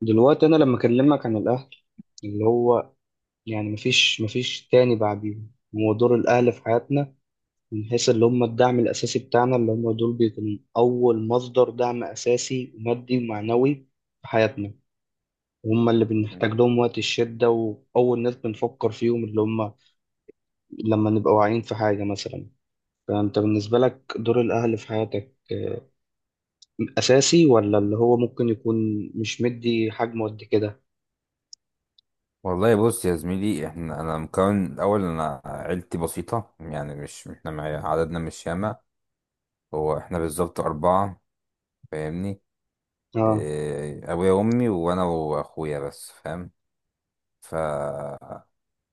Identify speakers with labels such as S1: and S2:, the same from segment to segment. S1: دلوقتي انا لما اكلمك عن الاهل اللي هو يعني مفيش تاني بعديهم، هو دور الاهل في حياتنا من حيث اللي هم الدعم الاساسي بتاعنا. اللي هم دول بيكونوا اول مصدر دعم اساسي ومادي ومعنوي في حياتنا. هم اللي
S2: مم.
S1: بنحتاج لهم وقت الشدة وأول ناس بنفكر فيهم، اللي هم لما نبقى واعيين في حاجة مثلا. فأنت بالنسبة لك دور الأهل في حياتك آه، أساسي ولا اللي هو ممكن يكون مش مدي حجمه قد كده؟
S2: والله بص يا زميلي، احنا انا مكون الاول انا عيلتي بسيطه، يعني مش احنا عددنا مش ياما. هو احنا بالظبط اربعه، فاهمني؟
S1: آه
S2: إيه، ابويا وامي وانا واخويا بس، فاهم. ف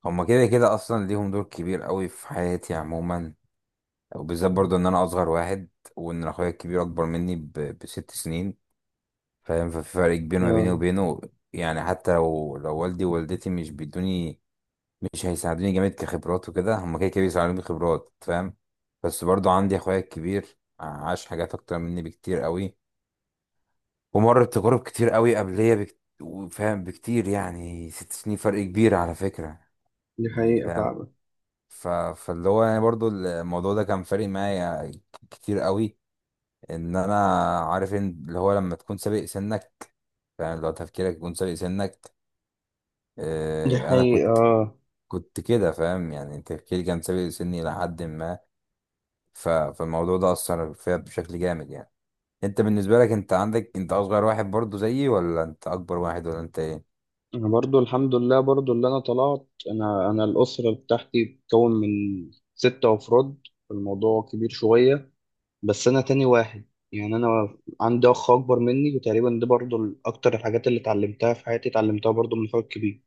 S2: هما كده كده اصلا ليهم دور كبير قوي في حياتي عموما، وبالذات برضه ان انا اصغر واحد، وان اخويا الكبير اكبر مني ب6 سنين. فاهم، ففي فرق كبير ما بيني
S1: آه،
S2: وبينه. يعني حتى لو والدي ووالدتي مش بيدوني، مش هيساعدوني جامد كخبرات وكده، هما كده كده بيساعدوني خبرات، فاهم. بس برضو عندي اخويا الكبير عاش حاجات اكتر مني بكتير قوي، ومر بتجارب كتير قوي فاهم، بكتير، يعني 6 سنين فرق كبير على فكرة.
S1: دي
S2: يعني
S1: حقيقة
S2: فاهم.
S1: فعلا.
S2: فاللي هو يعني برضو الموضوع ده كان فارق معايا كتير قوي. ان انا عارف ان اللي هو لما تكون سابق سنك، فاهم، لو تفكيرك يكون سابق سنك.
S1: دي
S2: آه، انا
S1: حقيقة
S2: كنت
S1: آه.
S2: كنت كده، فاهم، يعني تفكيري كان سابق سني لحد ما. فالموضوع ده اثر فيها بشكل جامد يعني. انت بالنسبه لك، انت عندك، انت اصغر واحد برضو زيي، ولا انت اكبر واحد، ولا انت ايه؟
S1: أنا برضو الحمد لله، برضو اللي أنا طلعت، أنا أنا الأسرة بتاعتي بتتكون من ستة أفراد، الموضوع كبير شوية. بس أنا تاني واحد، يعني أنا عندي أخ أكبر مني. وتقريبا دي برضو أكتر الحاجات اللي اتعلمتها في حياتي اتعلمتها برضو من أخويا الكبير.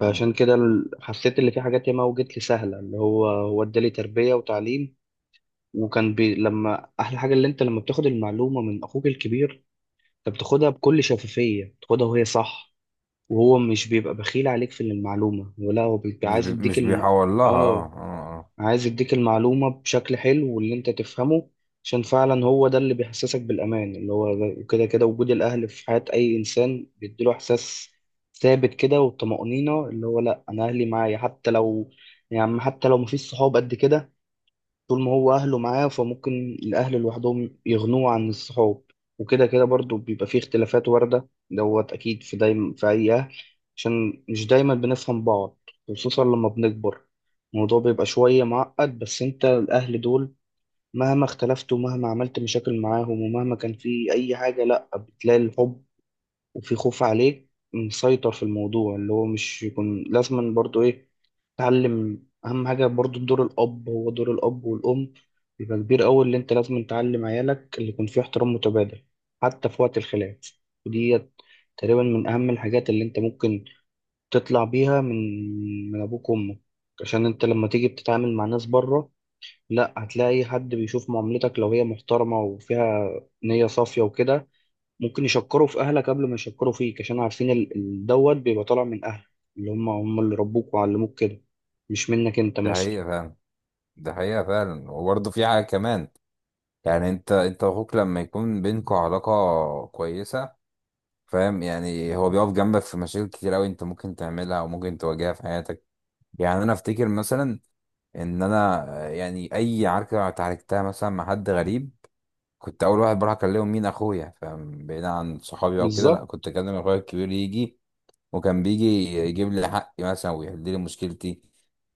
S1: فعشان كده حسيت اللي في حاجات ياما وجت لي سهلة، اللي هو ادالي تربية وتعليم. وكان بي لما أحلى حاجة اللي أنت لما بتاخد المعلومة من أخوك الكبير، أنت بتاخدها بكل شفافية، بتاخدها وهي صح. وهو مش بيبقى بخيل عليك في المعلومة، ولا هو بيبقى عايز يديك
S2: مش بيحول لها، اه
S1: اه،
S2: اه اه
S1: عايز يديك المعلومة بشكل حلو واللي انت تفهمه. عشان فعلا هو ده اللي بيحسسك بالأمان، اللي هو كده كده وجود الأهل في حياة أي إنسان بيديله إحساس ثابت كده والطمأنينة، اللي هو لأ أنا أهلي معايا. حتى لو يعني حتى لو مفيش صحاب قد كده، طول ما هو أهله معاه فممكن الأهل لوحدهم يغنوه عن الصحاب. وكده كده برضو بيبقى فيه اختلافات واردة دوت، أكيد في دايما في أي أهل، عشان مش دايما بنفهم بعض. خصوصا لما بنكبر الموضوع بيبقى شوية معقد. بس أنت الأهل دول مهما اختلفت ومهما عملت مشاكل معاهم ومهما كان في أي حاجة، لأ بتلاقي الحب وفي خوف عليك مسيطر في الموضوع، اللي هو مش يكون لازما برضو ايه، تعلم اهم حاجة برضو. دور الاب هو دور الاب والام بيبقى كبير قوي، اللي انت لازم تعلم عيالك اللي يكون فيه احترام متبادل حتى في وقت الخلاف. ودي تقريبا من اهم الحاجات اللي انت ممكن تطلع بيها من من ابوك وامك، عشان انت لما تيجي بتتعامل مع ناس بره، لا هتلاقي حد بيشوف معاملتك لو هي محترمة وفيها نية صافية وكده، ممكن يشكروا في اهلك قبل ما يشكروا فيك، عشان عارفين دوت بيبقى طالع من اهلك، اللي هم اللي ربوك وعلموك كده، مش منك انت
S2: ده
S1: مثلا.
S2: حقيقه فعلا. ده حقيقه فعلا، وبرضو في حاجه كمان. يعني انت واخوك لما يكون بينكوا علاقه كويسه، فاهم، يعني هو بيقف جنبك في مشاكل كتير قوي انت ممكن تعملها وممكن تواجهها في حياتك. يعني انا افتكر مثلا ان انا، آه، يعني اي عركه اتعاركتها مثلا مع حد غريب، كنت اول واحد بروح اكلمهم مين اخويا، فبعيد عن صحابي او كده، لا،
S1: بالظبط.
S2: كنت اكلم اخويا الكبير يجي. وكان بيجي يجيب لي حقي مثلا ويحل لي مشكلتي.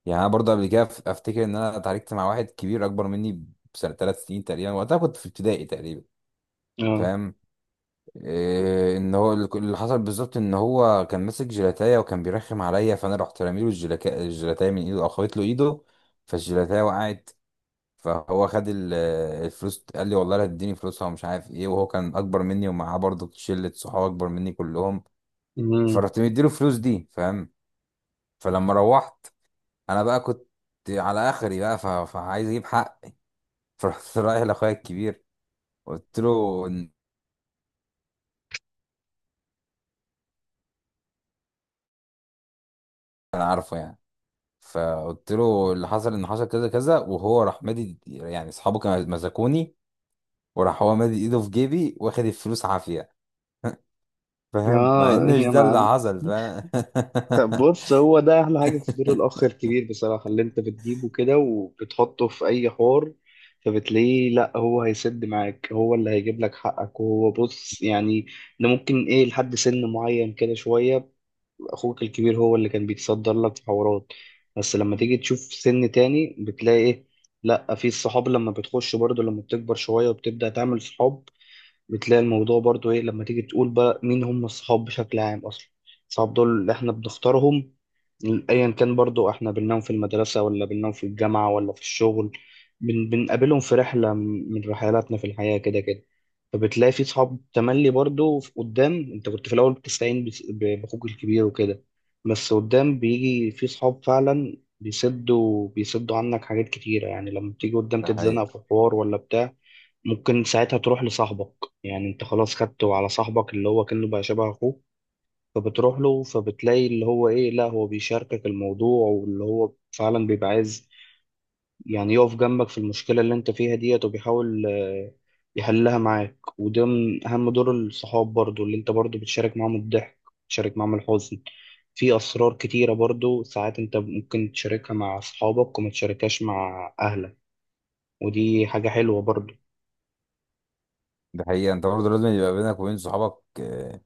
S2: يعني انا برضه قبل كده افتكر ان انا اتعاركت مع واحد كبير اكبر مني 3 سنين تقريبا، وقتها كنت في ابتدائي تقريبا.
S1: اه.
S2: فاهم، إيه، ان هو اللي حصل بالظبط ان هو كان ماسك جيلاتايه وكان بيرخم عليا، فانا رحت رامي له الجيلاتايه من ايده او خبطت له ايده، فالجيلاتايه وقعت. فهو خد الفلوس، قال لي والله لا تديني فلوسها ومش عارف ايه، وهو كان اكبر مني ومعاه برضه شله صحاب اكبر مني كلهم.
S1: امم.
S2: فرحت مديله الفلوس دي، فاهم. فلما روحت، انا بقى كنت على اخري بقى، فعايز اجيب حق. فرحت رايح لاخويا الكبير، قلت له إن انا عارفه يعني. فقلت له اللي حصل ان حصل كذا كذا، وهو راح مادي، يعني اصحابه كانوا مزكوني، وراح هو مادي ايده في جيبي واخد الفلوس عافيه، فاهم، مع
S1: اه
S2: ان مش
S1: يا
S2: ده اللي
S1: معلم،
S2: حصل، فاهم.
S1: طب بص هو ده احلى حاجه في دور الاخ الكبير بصراحه، اللي انت بتجيبه كده وبتحطه في اي حوار فبتلاقيه لا هو هيسد معاك، هو اللي هيجيب لك حقك. وهو بص يعني ده ممكن ايه لحد سن معين كده شويه، اخوك الكبير هو اللي كان بيتصدر لك في حوارات. بس لما تيجي تشوف سن تاني بتلاقي ايه، لا في الصحاب لما بتخش برضو، لما بتكبر شوية وبتبدأ تعمل صحاب بتلاقي الموضوع برضو ايه. لما تيجي تقول بقى مين هم الصحاب بشكل عام اصلا، الصحاب دول اللي احنا بنختارهم ايا كان. برضو احنا بننام في المدرسة ولا بننام في الجامعة ولا في الشغل، بنقابلهم في رحلة من رحلاتنا في الحياة كده كده. فبتلاقي في صحاب تملي برضو قدام انت كنت في الاول بتستعين باخوك الكبير وكده. بس قدام بيجي في صحاب فعلا بيسدوا عنك حاجات كتيرة، يعني لما بتيجي قدام
S2: ده
S1: تتزنق
S2: حقيقة.
S1: في حوار ولا بتاع ممكن ساعتها تروح لصاحبك. يعني انت خلاص خدته على صاحبك اللي هو كأنه بقى شبه اخوك، فبتروح له فبتلاقي اللي هو ايه، لا هو بيشاركك الموضوع، واللي هو فعلا بيبقى عايز يعني يقف جنبك في المشكلة اللي انت فيها ديت، وبيحاول آه، يحلها معاك. وده من أهم دور الصحاب برضو، اللي انت برضو بتشارك معاهم الضحك، بتشارك معاهم الحزن. في أسرار كتيرة برضو ساعات انت ممكن تشاركها مع أصحابك وما تشاركهاش مع أهلك، ودي حاجة حلوة برضو.
S2: ده حقيقة، انت برضه لازم يبقى بينك وبين صحابك، آه،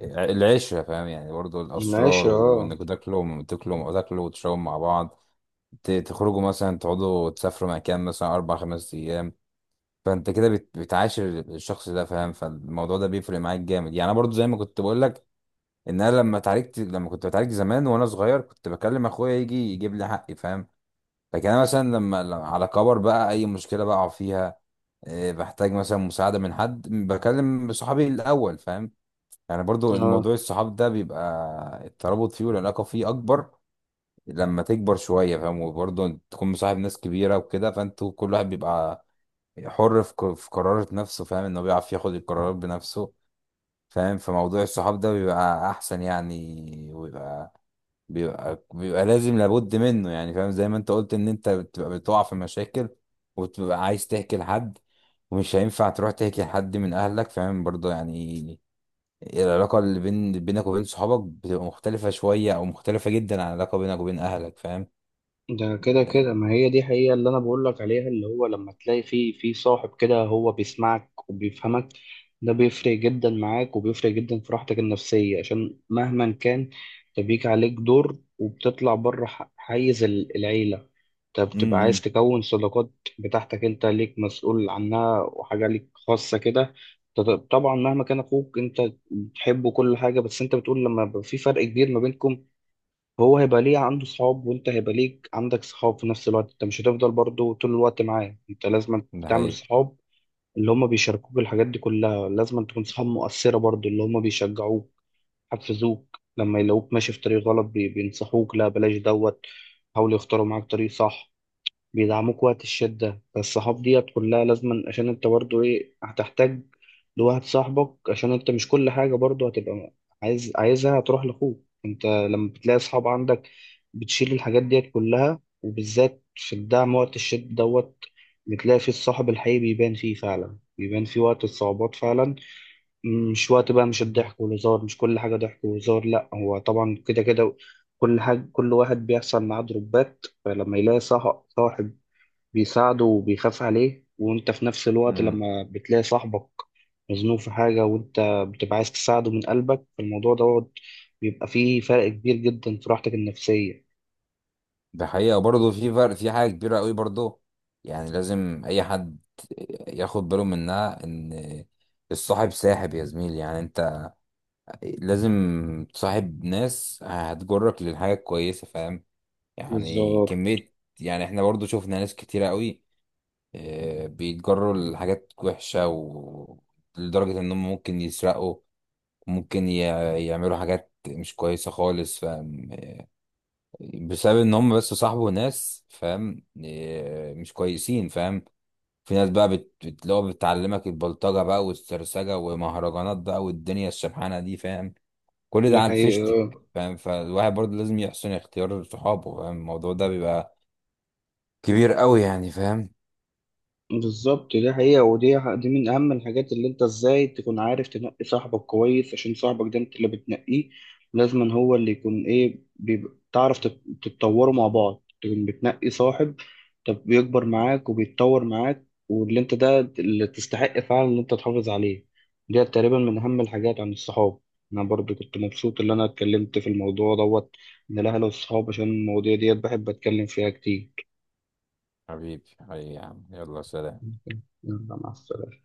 S2: العشرة، فاهم، يعني برضه
S1: من
S2: الأسرار
S1: العشرة.
S2: وإنك تاكلوا وتشربوا مع بعض، تخرجوا مثلا، تقعدوا تسافروا مكان مثلا 4 5 أيام. فأنت كده بتعاشر الشخص ده، فاهم، فالموضوع ده بيفرق معاك جامد. يعني أنا برضه زي ما كنت بقول لك، إن أنا لما اتعالجت، لما كنت بتعالج زمان وأنا صغير، كنت بكلم أخويا يجي يجيب لي حقي، فاهم. لكن أنا مثلا لما على كبر بقى، أي مشكلة بقع فيها، آه، بحتاج مثلا مساعدة من حد، بكلم صحابي الأول، فاهم. يعني
S1: اه
S2: برضو الموضوع
S1: اه.
S2: الصحاب ده بيبقى الترابط فيه والعلاقة فيه أكبر لما تكبر شوية، فاهم، وبرضو تكون مصاحب ناس كبيرة وكده، فانتوا كل واحد بيبقى حر في في قرارة نفسه، فاهم، إنه بيعرف ياخد القرارات بنفسه، فاهم. فموضوع الصحاب ده بيبقى أحسن يعني، وبيبقى بيبقى لازم، لابد منه يعني، فاهم. زي ما أنت قلت إن أنت بتبقى بتقع في مشاكل وتبقى عايز تحكي لحد، ومش هينفع تروح تحكي لحد من أهلك، فاهم، برضو يعني العلاقة اللي بينك وبين صحابك بتبقى مختلفة شوية، أو مختلفة جدا عن العلاقة بينك وبين أهلك، فاهم؟
S1: ده كده كده، ما هي دي حقيقة اللي أنا بقول لك عليها. اللي هو لما تلاقي في صاحب كده هو بيسمعك وبيفهمك، ده بيفرق جدا معاك وبيفرق جدا في راحتك النفسية. عشان مهما كان ده بيجي عليك دور وبتطلع بره حيز العيلة، انت بتبقى عايز
S2: امم،
S1: تكون صداقات بتاعتك انت ليك مسؤول عنها وحاجة ليك خاصة كده. طبعا مهما كان أخوك انت بتحبه كل حاجة، بس انت بتقول لما يبقى في فرق كبير ما بينكم، هو هيبقى ليه عنده صحاب وانت هيبقى ليك عندك صحاب. في نفس الوقت انت مش هتفضل برضو طول الوقت معاه، انت لازم
S2: ده
S1: تعمل
S2: حقيقة.
S1: صحاب اللي هم بيشاركوك الحاجات دي كلها. لازم تكون صحاب مؤثرة برضو، اللي هم بيشجعوك، حفزوك لما يلاقوك ماشي في طريق غلط بينصحوك لا بلاش دوت، حاولوا يختاروا معاك طريق صح، بيدعموك وقت الشدة. فالصحاب ديت كلها لازما، عشان انت برضو ايه هتحتاج لواحد صاحبك، عشان انت مش كل حاجة برضو هتبقى عايز عايزها هتروح لأخوك. انت لما بتلاقي صحاب عندك بتشيل الحاجات ديت كلها، وبالذات في الدعم وقت الشد دوت، بتلاقي فيه الصاحب الحقيقي بيبان فيه فعلا، بيبان فيه وقت الصعوبات فعلا. مش وقت بقى مش الضحك والهزار، مش كل حاجة ضحك وهزار، لأ هو طبعا كده كده كل حاجة كل واحد بيحصل معاه دروبات، فلما يلاقي صاحب بيساعده وبيخاف عليه. وانت في نفس الوقت
S2: امم،
S1: لما بتلاقي صاحبك مزنوق في حاجة وانت بتبقى عايز تساعده من قلبك، الموضوع دوت بيبقى فيه فرق كبير جدا في راحتك النفسية.
S2: ده حقيقة، برضه في فرق في حاجة كبيرة قوي برضه. يعني لازم أي حد ياخد باله منها، إن الصاحب ساحب يا زميلي، يعني أنت لازم تصاحب ناس هتجرك للحاجة الكويسة، فاهم؟ يعني
S1: بالظبط
S2: كمية. يعني احنا برضه شفنا ناس كتيرة قوي، آه، بيتجروا لحاجات وحشة، ولدرجة إنهم ممكن يسرقوا، ممكن يعملوا حاجات مش كويسة خالص، فاهم، بسبب إن هم بس صاحبوا ناس، فاهم، آه، مش كويسين، فاهم. في ناس بقى اللي هو بتعلمك البلطجة بقى والسرسجة ومهرجانات بقى والدنيا الشبحانة دي، فاهم. كل ده
S1: دي
S2: على الفيشتك،
S1: حقيقة.
S2: فاهم. فالواحد برضه لازم يحسن اختيار صحابه، فاهم، الموضوع ده بيبقى كبير قوي يعني، فاهم.
S1: بالظبط دي حقيقة، دي من أهم الحاجات، اللي أنت إزاي تكون عارف تنقي صاحبك كويس، عشان صاحبك ده أنت اللي بتنقيه لازما، هو اللي يكون إيه بيبقى تعرف تتطوروا مع بعض. تكون بتنقي صاحب طب بيكبر معاك وبيتطور معاك، واللي أنت ده اللي تستحق فعلا إن أنت تحافظ عليه. دي تقريبا من أهم الحاجات عن الصحاب. أنا برضو كنت مبسوط إن أنا اتكلمت في الموضوع دوت من الأهل والصحاب، عشان المواضيع ديت بحب أتكلم فيها كتير.
S2: حبيبي حبيبي يا عم، يلا سلام.
S1: يلا مع السلامة.